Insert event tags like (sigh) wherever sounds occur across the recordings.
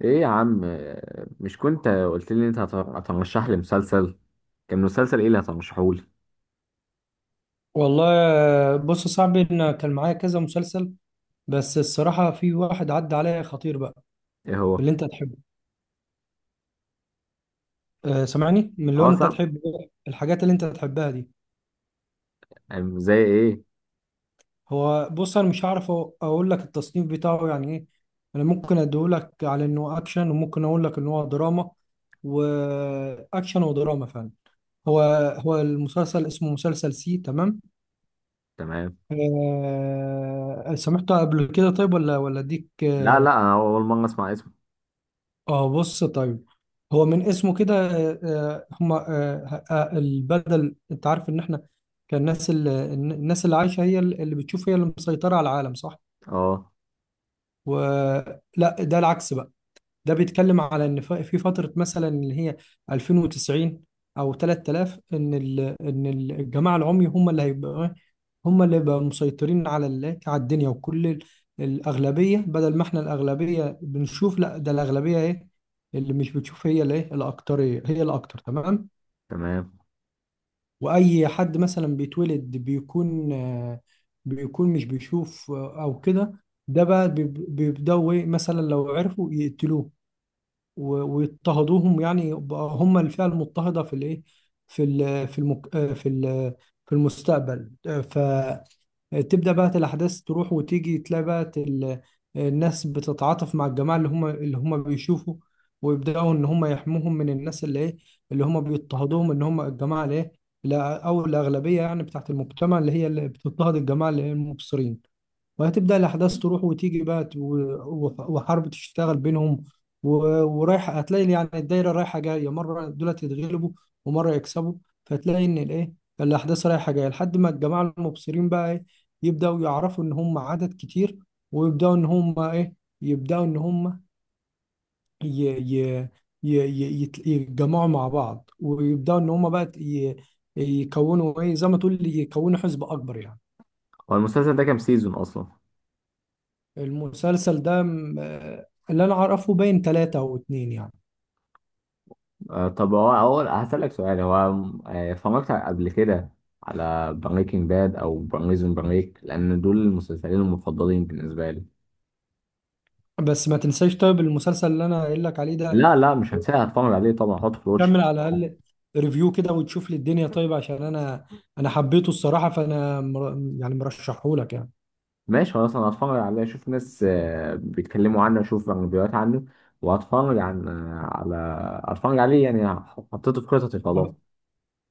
ايه يا عم؟ مش كنت قلت لي انت هترشح لي مسلسل؟ كان مسلسل ايه اللي هترشحه لي؟ والله، بص يا صاحبي، انا كان معايا كذا مسلسل. بس الصراحه في واحد عدى عليا خطير بقى ايه هو؟ اللي انت تحبه. أه، سامعني، من اللي اه انت سام. تحبه إيه؟ الحاجات اللي انت تحبها دي. زي ايه؟ هو بص انا مش هعرف اقول لك التصنيف بتاعه يعني ايه. انا ممكن اديهولك على انه اكشن، وممكن اقول لك ان هو دراما، واكشن ودراما فعلا. هو هو المسلسل اسمه مسلسل سي تمام. تمام. أه، سمعته قبل كده طيب ولا اديك لا لا، انا اول مره اسمع اسمه. اه بص طيب. هو من اسمه كده هما البدل، انت عارف ان احنا كان الناس الناس اللي عايشه هي اللي بتشوف، هي اللي مسيطره على العالم، صح اه ولا ده العكس بقى. ده بيتكلم على ان في فتره مثلا اللي هي 2090 او 3000، ان الجماعه العمي هم اللي هيبقوا، هم اللي بقى مسيطرين على على الدنيا، وكل الأغلبية. بدل ما احنا الأغلبية بنشوف، لا، ده الأغلبية ايه اللي مش بتشوف هي الايه، الأكترية هي الأكتر تمام. تمام. وأي حد مثلا بيتولد بيكون بيكون مش بيشوف أو كده، ده بقى بيبدأوا ايه، مثلا لو عرفوا يقتلوه ويضطهدوهم، يعني يبقى هم الفئة المضطهدة في الايه، في ال في المك في ال في المستقبل. فتبدأ بقى الأحداث تروح وتيجي، تلاقي بقى الناس بتتعاطف مع الجماعة اللي هم بيشوفوا، ويبدأوا إن هم يحموهم من الناس اللي إيه، اللي هم بيضطهدوهم، إن هم الجماعة اللي إيه، أو الأغلبية يعني بتاعت المجتمع اللي هي اللي بتضطهد الجماعة اللي هي المبصرين. وهتبدأ الأحداث تروح وتيجي بقى وحرب تشتغل بينهم ورايح، هتلاقي يعني الدايرة رايحة جاية، مرة دولت يتغلبوا ومرة يكسبوا. فتلاقي إن الإيه، الأحداث رايحة جاية لحد ما الجماعة المبصرين بقى إيه، يبدأوا يعرفوا إن هم عدد كتير، ويبدأوا إن هم إيه، يبدأوا إن هم ي... ي... يتجمعوا مع بعض، ويبدأوا إن هم بقى يكونوا إيه، زي ما تقول يكونوا حزب أكبر يعني. هو المسلسل ده كام سيزون اصلا؟ المسلسل ده اللي انا اعرفه باين ثلاثة او اتنين يعني. آه طب، هو اول هسألك سؤال. هو اتفرجت قبل كده على بريكنج باد او بريزون بريك، لان دول المسلسلين المفضلين بالنسبه لي. بس ما تنساش، طيب المسلسل اللي انا قايل لك عليه ده لا لا، مش هنساها، هتفرج عليه طبعا، هحطه في الواتش. كمل على الاقل ريفيو كده، وتشوف لي الدنيا طيب عشان انا حبيته الصراحة، فانا يعني مرشحه لك يعني. ماشي خلاص، انا هتفرج عليه، اشوف ناس بيتكلموا عنه، اشوف فيديوهات عنه، وهتفرج عن آه، على هتفرج عليه يعني، حطيته في خططي خلاص.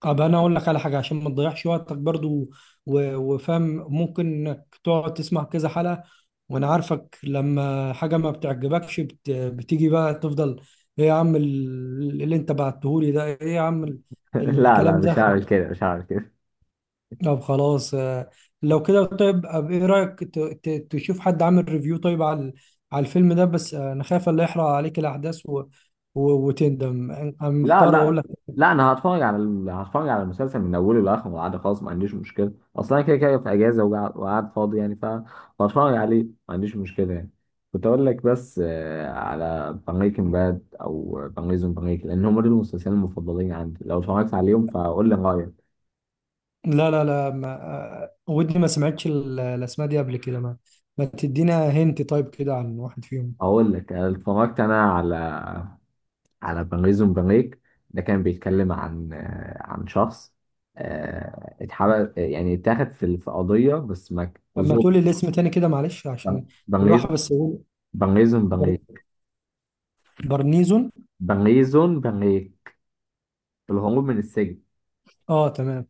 طب انا اقول لك على حاجه عشان ما تضيعش وقتك برضو وفاهم، ممكن انك تقعد تسمع كذا حلقه، وانا عارفك لما حاجه ما بتعجبكش بتيجي بقى تفضل: ايه يا عم، اللي انت بعتهولي ده ايه يا عم، (laughs) لا لا، الكلام مش ده. هعمل كده، مش هعمل كده. طب خلاص، لو كده طيب، ايه رايك تشوف حد عامل ريفيو طيب على على الفيلم ده، بس انا خايف اللي يحرق عليك الاحداث و... وتندم. أنا لا محتار اقول لا لك. لا، انا هتفرج على هتفرج على المسلسل من اوله لاخره، عادي خلاص. ما عنديش مشكله، اصلا انا كده كده في اجازه وقاعد وقاعد فاضي يعني، فهتفرج عليه، ما عنديش مشكله يعني. كنت اقول لك بس على بريكنج باد او بريزون بريك، لان هم دول المسلسلين المفضلين عندي. لو اتفرجت عليهم فقول لي رايك. لا لا لا، ما آه، ودي ما سمعتش الاسماء دي قبل كده، ما تدينا هنت طيب كده عن واحد فيهم. اقول لك، أنا اتفرجت انا على على بنغيزو بنغيك. ده كان بيتكلم عن عن شخص اتحبس يعني، اتاخد في قضيه بس ما ك- اما ظلم. تقولي الاسم تاني كده، معلش، عشان بنغيزو. بالراحه، بس هو بر- بنغيك. برنيزون. بنغيزو بنغيك، الهروب من السجن. اه تمام.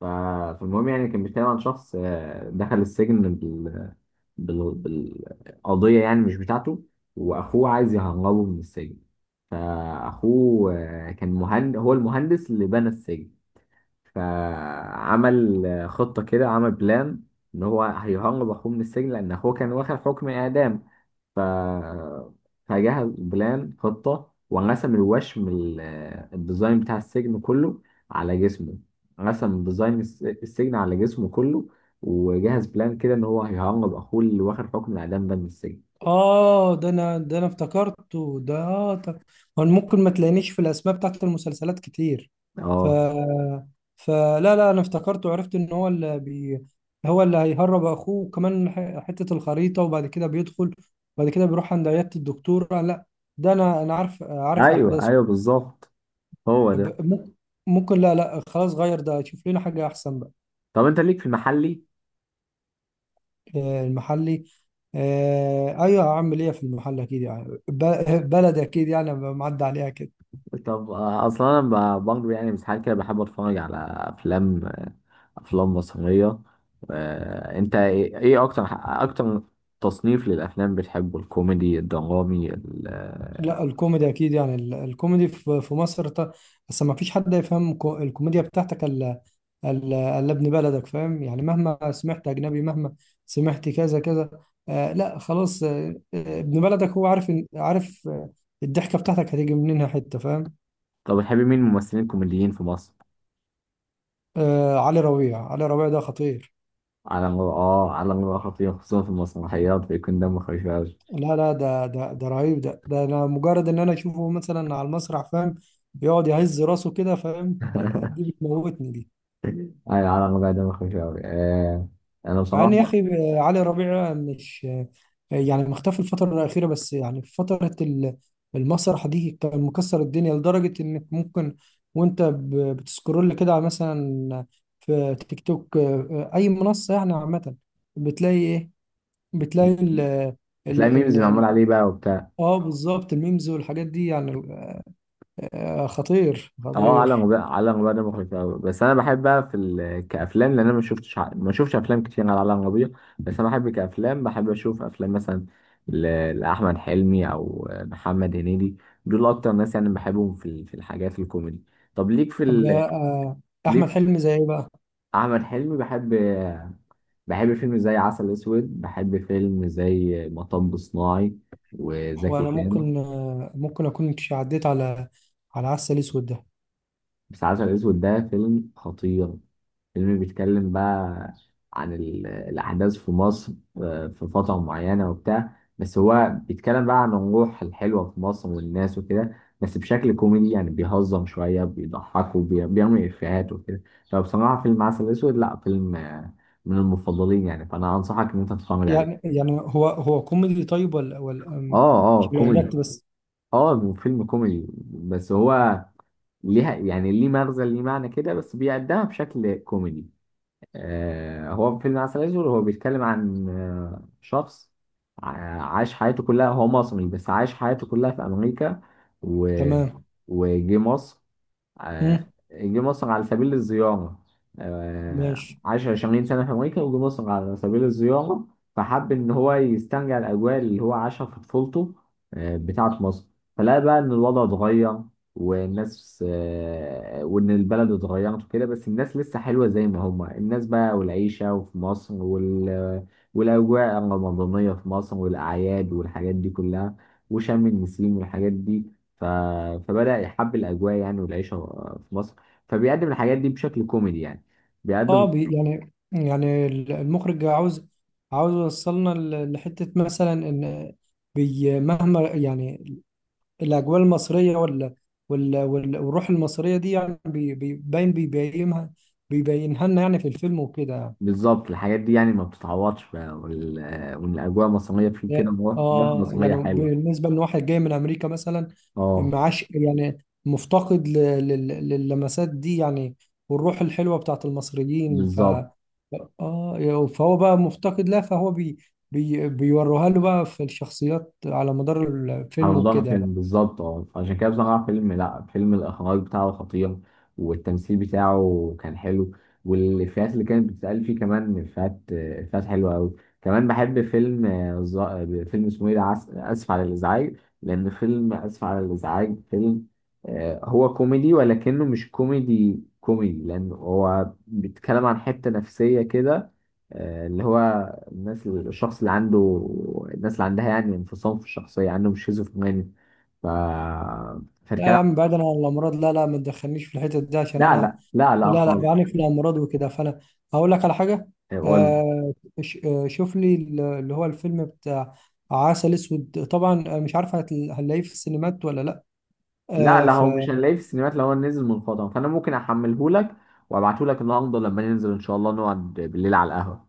ف- فالمهم يعني، كان بيتكلم عن شخص دخل السجن بالقضيه يعني مش بتاعته، واخوه عايز يهربه من السجن. فاخوه كان مهندس، هو المهندس اللي بنى السجن. فعمل خطة كده، عمل بلان إن هو هيهرب أخوه من السجن، لأن أخوه كان واخد حكم إعدام. ف فجهز بلان، خطة، ورسم الوشم الديزاين بتاع السجن كله على جسمه. رسم ديزاين السجن على جسمه كله، وجهز بلان كده إن هو هيهرب أخوه اللي واخد حكم الإعدام ده من السجن. اه، ده انا افتكرته، ده آه، طب هو ممكن ما تلاقينيش في الاسماء بتاعت المسلسلات كتير. ف اه فلا لا، انا افتكرته، عرفت ان هو هو اللي هيهرب اخوه، وكمان حتة الخريطة، وبعد كده بيدخل، وبعد كده بيروح عند عيادة الدكتور. آه لا، ده انا عارف أيوه، احداثه. أيوه بالظبط، هو ده. طب ممكن، لا لا خلاص، غير ده شوف لنا حاجة احسن بقى. طب أنت ليك في المحلي؟ المحلي؟ ايوه، هعمل ايه في المحل اكيد يعني، بلد اكيد يعني معدي عليها كده. طب اصلا انا برضه يعني ساعات كده بحب اتفرج على افلام، افلام مصريه. انت إيه اكتر اكتر تصنيف للافلام بتحبه؟ الكوميدي، الدرامي، لا الكوميدي اكيد يعني، الكوميدي في مصر، بس ما فيش حد يفهم الكوميديا بتاعتك الا، إلا ابن بلدك فاهم، يعني مهما سمعت اجنبي، مهما سمعت كذا كذا، آه لا خلاص، ابن بلدك هو عارف عارف الضحكه بتاعتك هتيجي منين، حته فاهم. طب بتحب مين الممثلين الكوميديين في مصر؟ آه، علي ربيع، علي ربيع ده خطير. على مر. اه، على مر خطير، خصوصا في المسرحيات بيكون دمه خفيف قوي. لا لا، ده رهيب، ده ده انا مجرد ان انا اشوفه مثلا على المسرح، فاهم، يقعد يهز راسه كده، فاهم، دي (laughs) بتموتني دي. على مر دمه خفيف قوي. انا مع ان يا بصراحه، اخي علي ربيع، مش يعني مختفي الفتره الاخيره، بس يعني في فتره المسرح دي كان مكسر الدنيا، لدرجه انك ممكن وانت بتسكرول كده، على مثلا في تيك توك اي منصه يعني عامه، بتلاقي ايه، بتلاقي ال بتلاقي ال ميمز معمول ال- عليه بقى وبتاع. اه بالظبط، الميمز والحاجات دي يعني، خطير اه عالم خطير. غير، عالم غير، ده مخيف قوي. بس انا بحب بقى كافلام، لان انا ما شفتش افلام كتير على عالم غبية. بس انا بحب كافلام، بحب اشوف افلام مثلا ل... لاحمد حلمي او محمد هنيدي. دول اكتر ناس يعني بحبهم في الحاجات الكوميدي. طب طب احمد ليك حلمي زي ايه بقى؟ احمد حلمي بحب. بحب فيلم زي عسل اسود، بحب فيلم زي مطب صناعي، هو وزكي انا شان. ممكن، اكون عديت على عسل اسود ده. بس عسل اسود ده فيلم خطير، فيلم بيتكلم بقى عن الأحداث في مصر في فترة معينة وبتاع. بس هو بيتكلم بقى عن الروح الحلوة في مصر والناس وكده، بس بشكل كوميدي يعني، بيهزم شوية، بيضحك وبيعمل إفيهات وكده. فبصراحة فيلم عسل أسود، لأ فيلم من المفضلين يعني، فأنا أنصحك إن أنت تتفرج يعني عليه. يعني هو كوميدي طيب، ولا اه اه مش كوميدي. بيعجبك بس. اه فيلم كوميدي، بس هو ليها يعني، ليه مغزى، ليه معنى كده، بس بيقدمها بشكل كوميدي. هو فيلم عسل اسود هو بيتكلم عن شخص عاش حياته كلها، هو مصري بس عاش حياته كلها في امريكا، و... تمام. وجه مصر. آه، مم. جه مصر على سبيل الزيارة. آه، ماشي. عاش 20 سنة في أمريكا وجه مصر على سبيل الزيارة. فحب إن هو يسترجع الأجواء اللي هو عاشها في طفولته، بتاعة مصر. فلقى بقى إن الوضع اتغير، والناس وإن البلد اتغيرت وكده، بس الناس لسه حلوة زي ما هما الناس بقى، والعيشة وفي مصر والأجواء الرمضانية في مصر، والأعياد والحاجات دي كلها، وشم النسيم والحاجات دي. ف... فبدأ يحب الأجواء يعني، والعيشة في مصر. فبيقدم الحاجات دي بشكل كوميدي يعني، اه بيقدم يعني المخرج عاوز، عاوز يوصلنا لحتة مثلا، ان مهما يعني الاجواء المصرية والروح المصرية دي، يعني بيبينها، بيبينها لنا يعني في الفيلم وكده. بالظبط. الحاجات دي يعني ما بتتعوضش بقى، والأجواء المصرية، في كده مواقف اه مصرية يعني حلوة. بالنسبه ان واحد جاي من امريكا مثلا، اه معاش يعني مفتقد للمسات دي، يعني والروح الحلوه بتاعت المصريين. بالظبط، اه فهو بقى مفتقد لها، فهو بي بي بيوروها له بقى في الشخصيات على مدار على الفيلم مدار وكده. الفيلم، بالظبط. اه عشان كده بصراحة، فيلم، لا، فيلم الإخراج بتاعه خطير، والتمثيل بتاعه كان حلو، والإفيهات اللي كانت بتتقال فيه كمان، إفيهات حلوة أوي. كمان بحب فيلم فيلم اسمه إيه ده؟ آسف على الإزعاج. لأن فيلم آسف على الإزعاج، فيلم هو كوميدي ولكنه مش كوميدي كوميدي، لأن هو بيتكلم عن حتة نفسية كده اللي هو الناس، الشخص اللي عنده، الناس اللي عندها يعني انفصام في الشخصية، عندهم شيزوفرينيا. ف لا يا فالكلام، عم، بعيدا عن الامراض، لا لا، ما تدخلنيش في الحتت دي عشان لا انا، لا لا لا لا لا خالص. بعاني من امراض وكده، فانا هقول لك على حاجه. يقول، آه، شوف لي اللي هو الفيلم بتاع عسل اسود طبعا، مش عارف هنلاقيه في السينمات ولا لا. لا آه لا، هو مش هنلاقيه في السينمات. لو هو نزل منقطع فأنا ممكن أحمله لك وأبعته لك النهاردة، لما ننزل إن شاء الله نقعد بالليل على القهوة،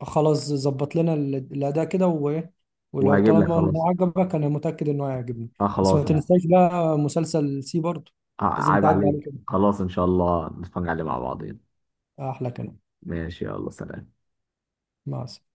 فخلاص، ظبط لنا الاداء كده، وايه، ولو وهجيب لك طالما خلاص. انه عجبك انا متاكد انه هيعجبني. أه بس ما خلاص، تنساش بقى مسلسل سي برضه، لازم عيب تعدي عليه عليك! كده. خلاص إن شاء الله نتفرج عليه مع بعضين. احلى كلام. ماشي، يلا سلام. مع السلامه.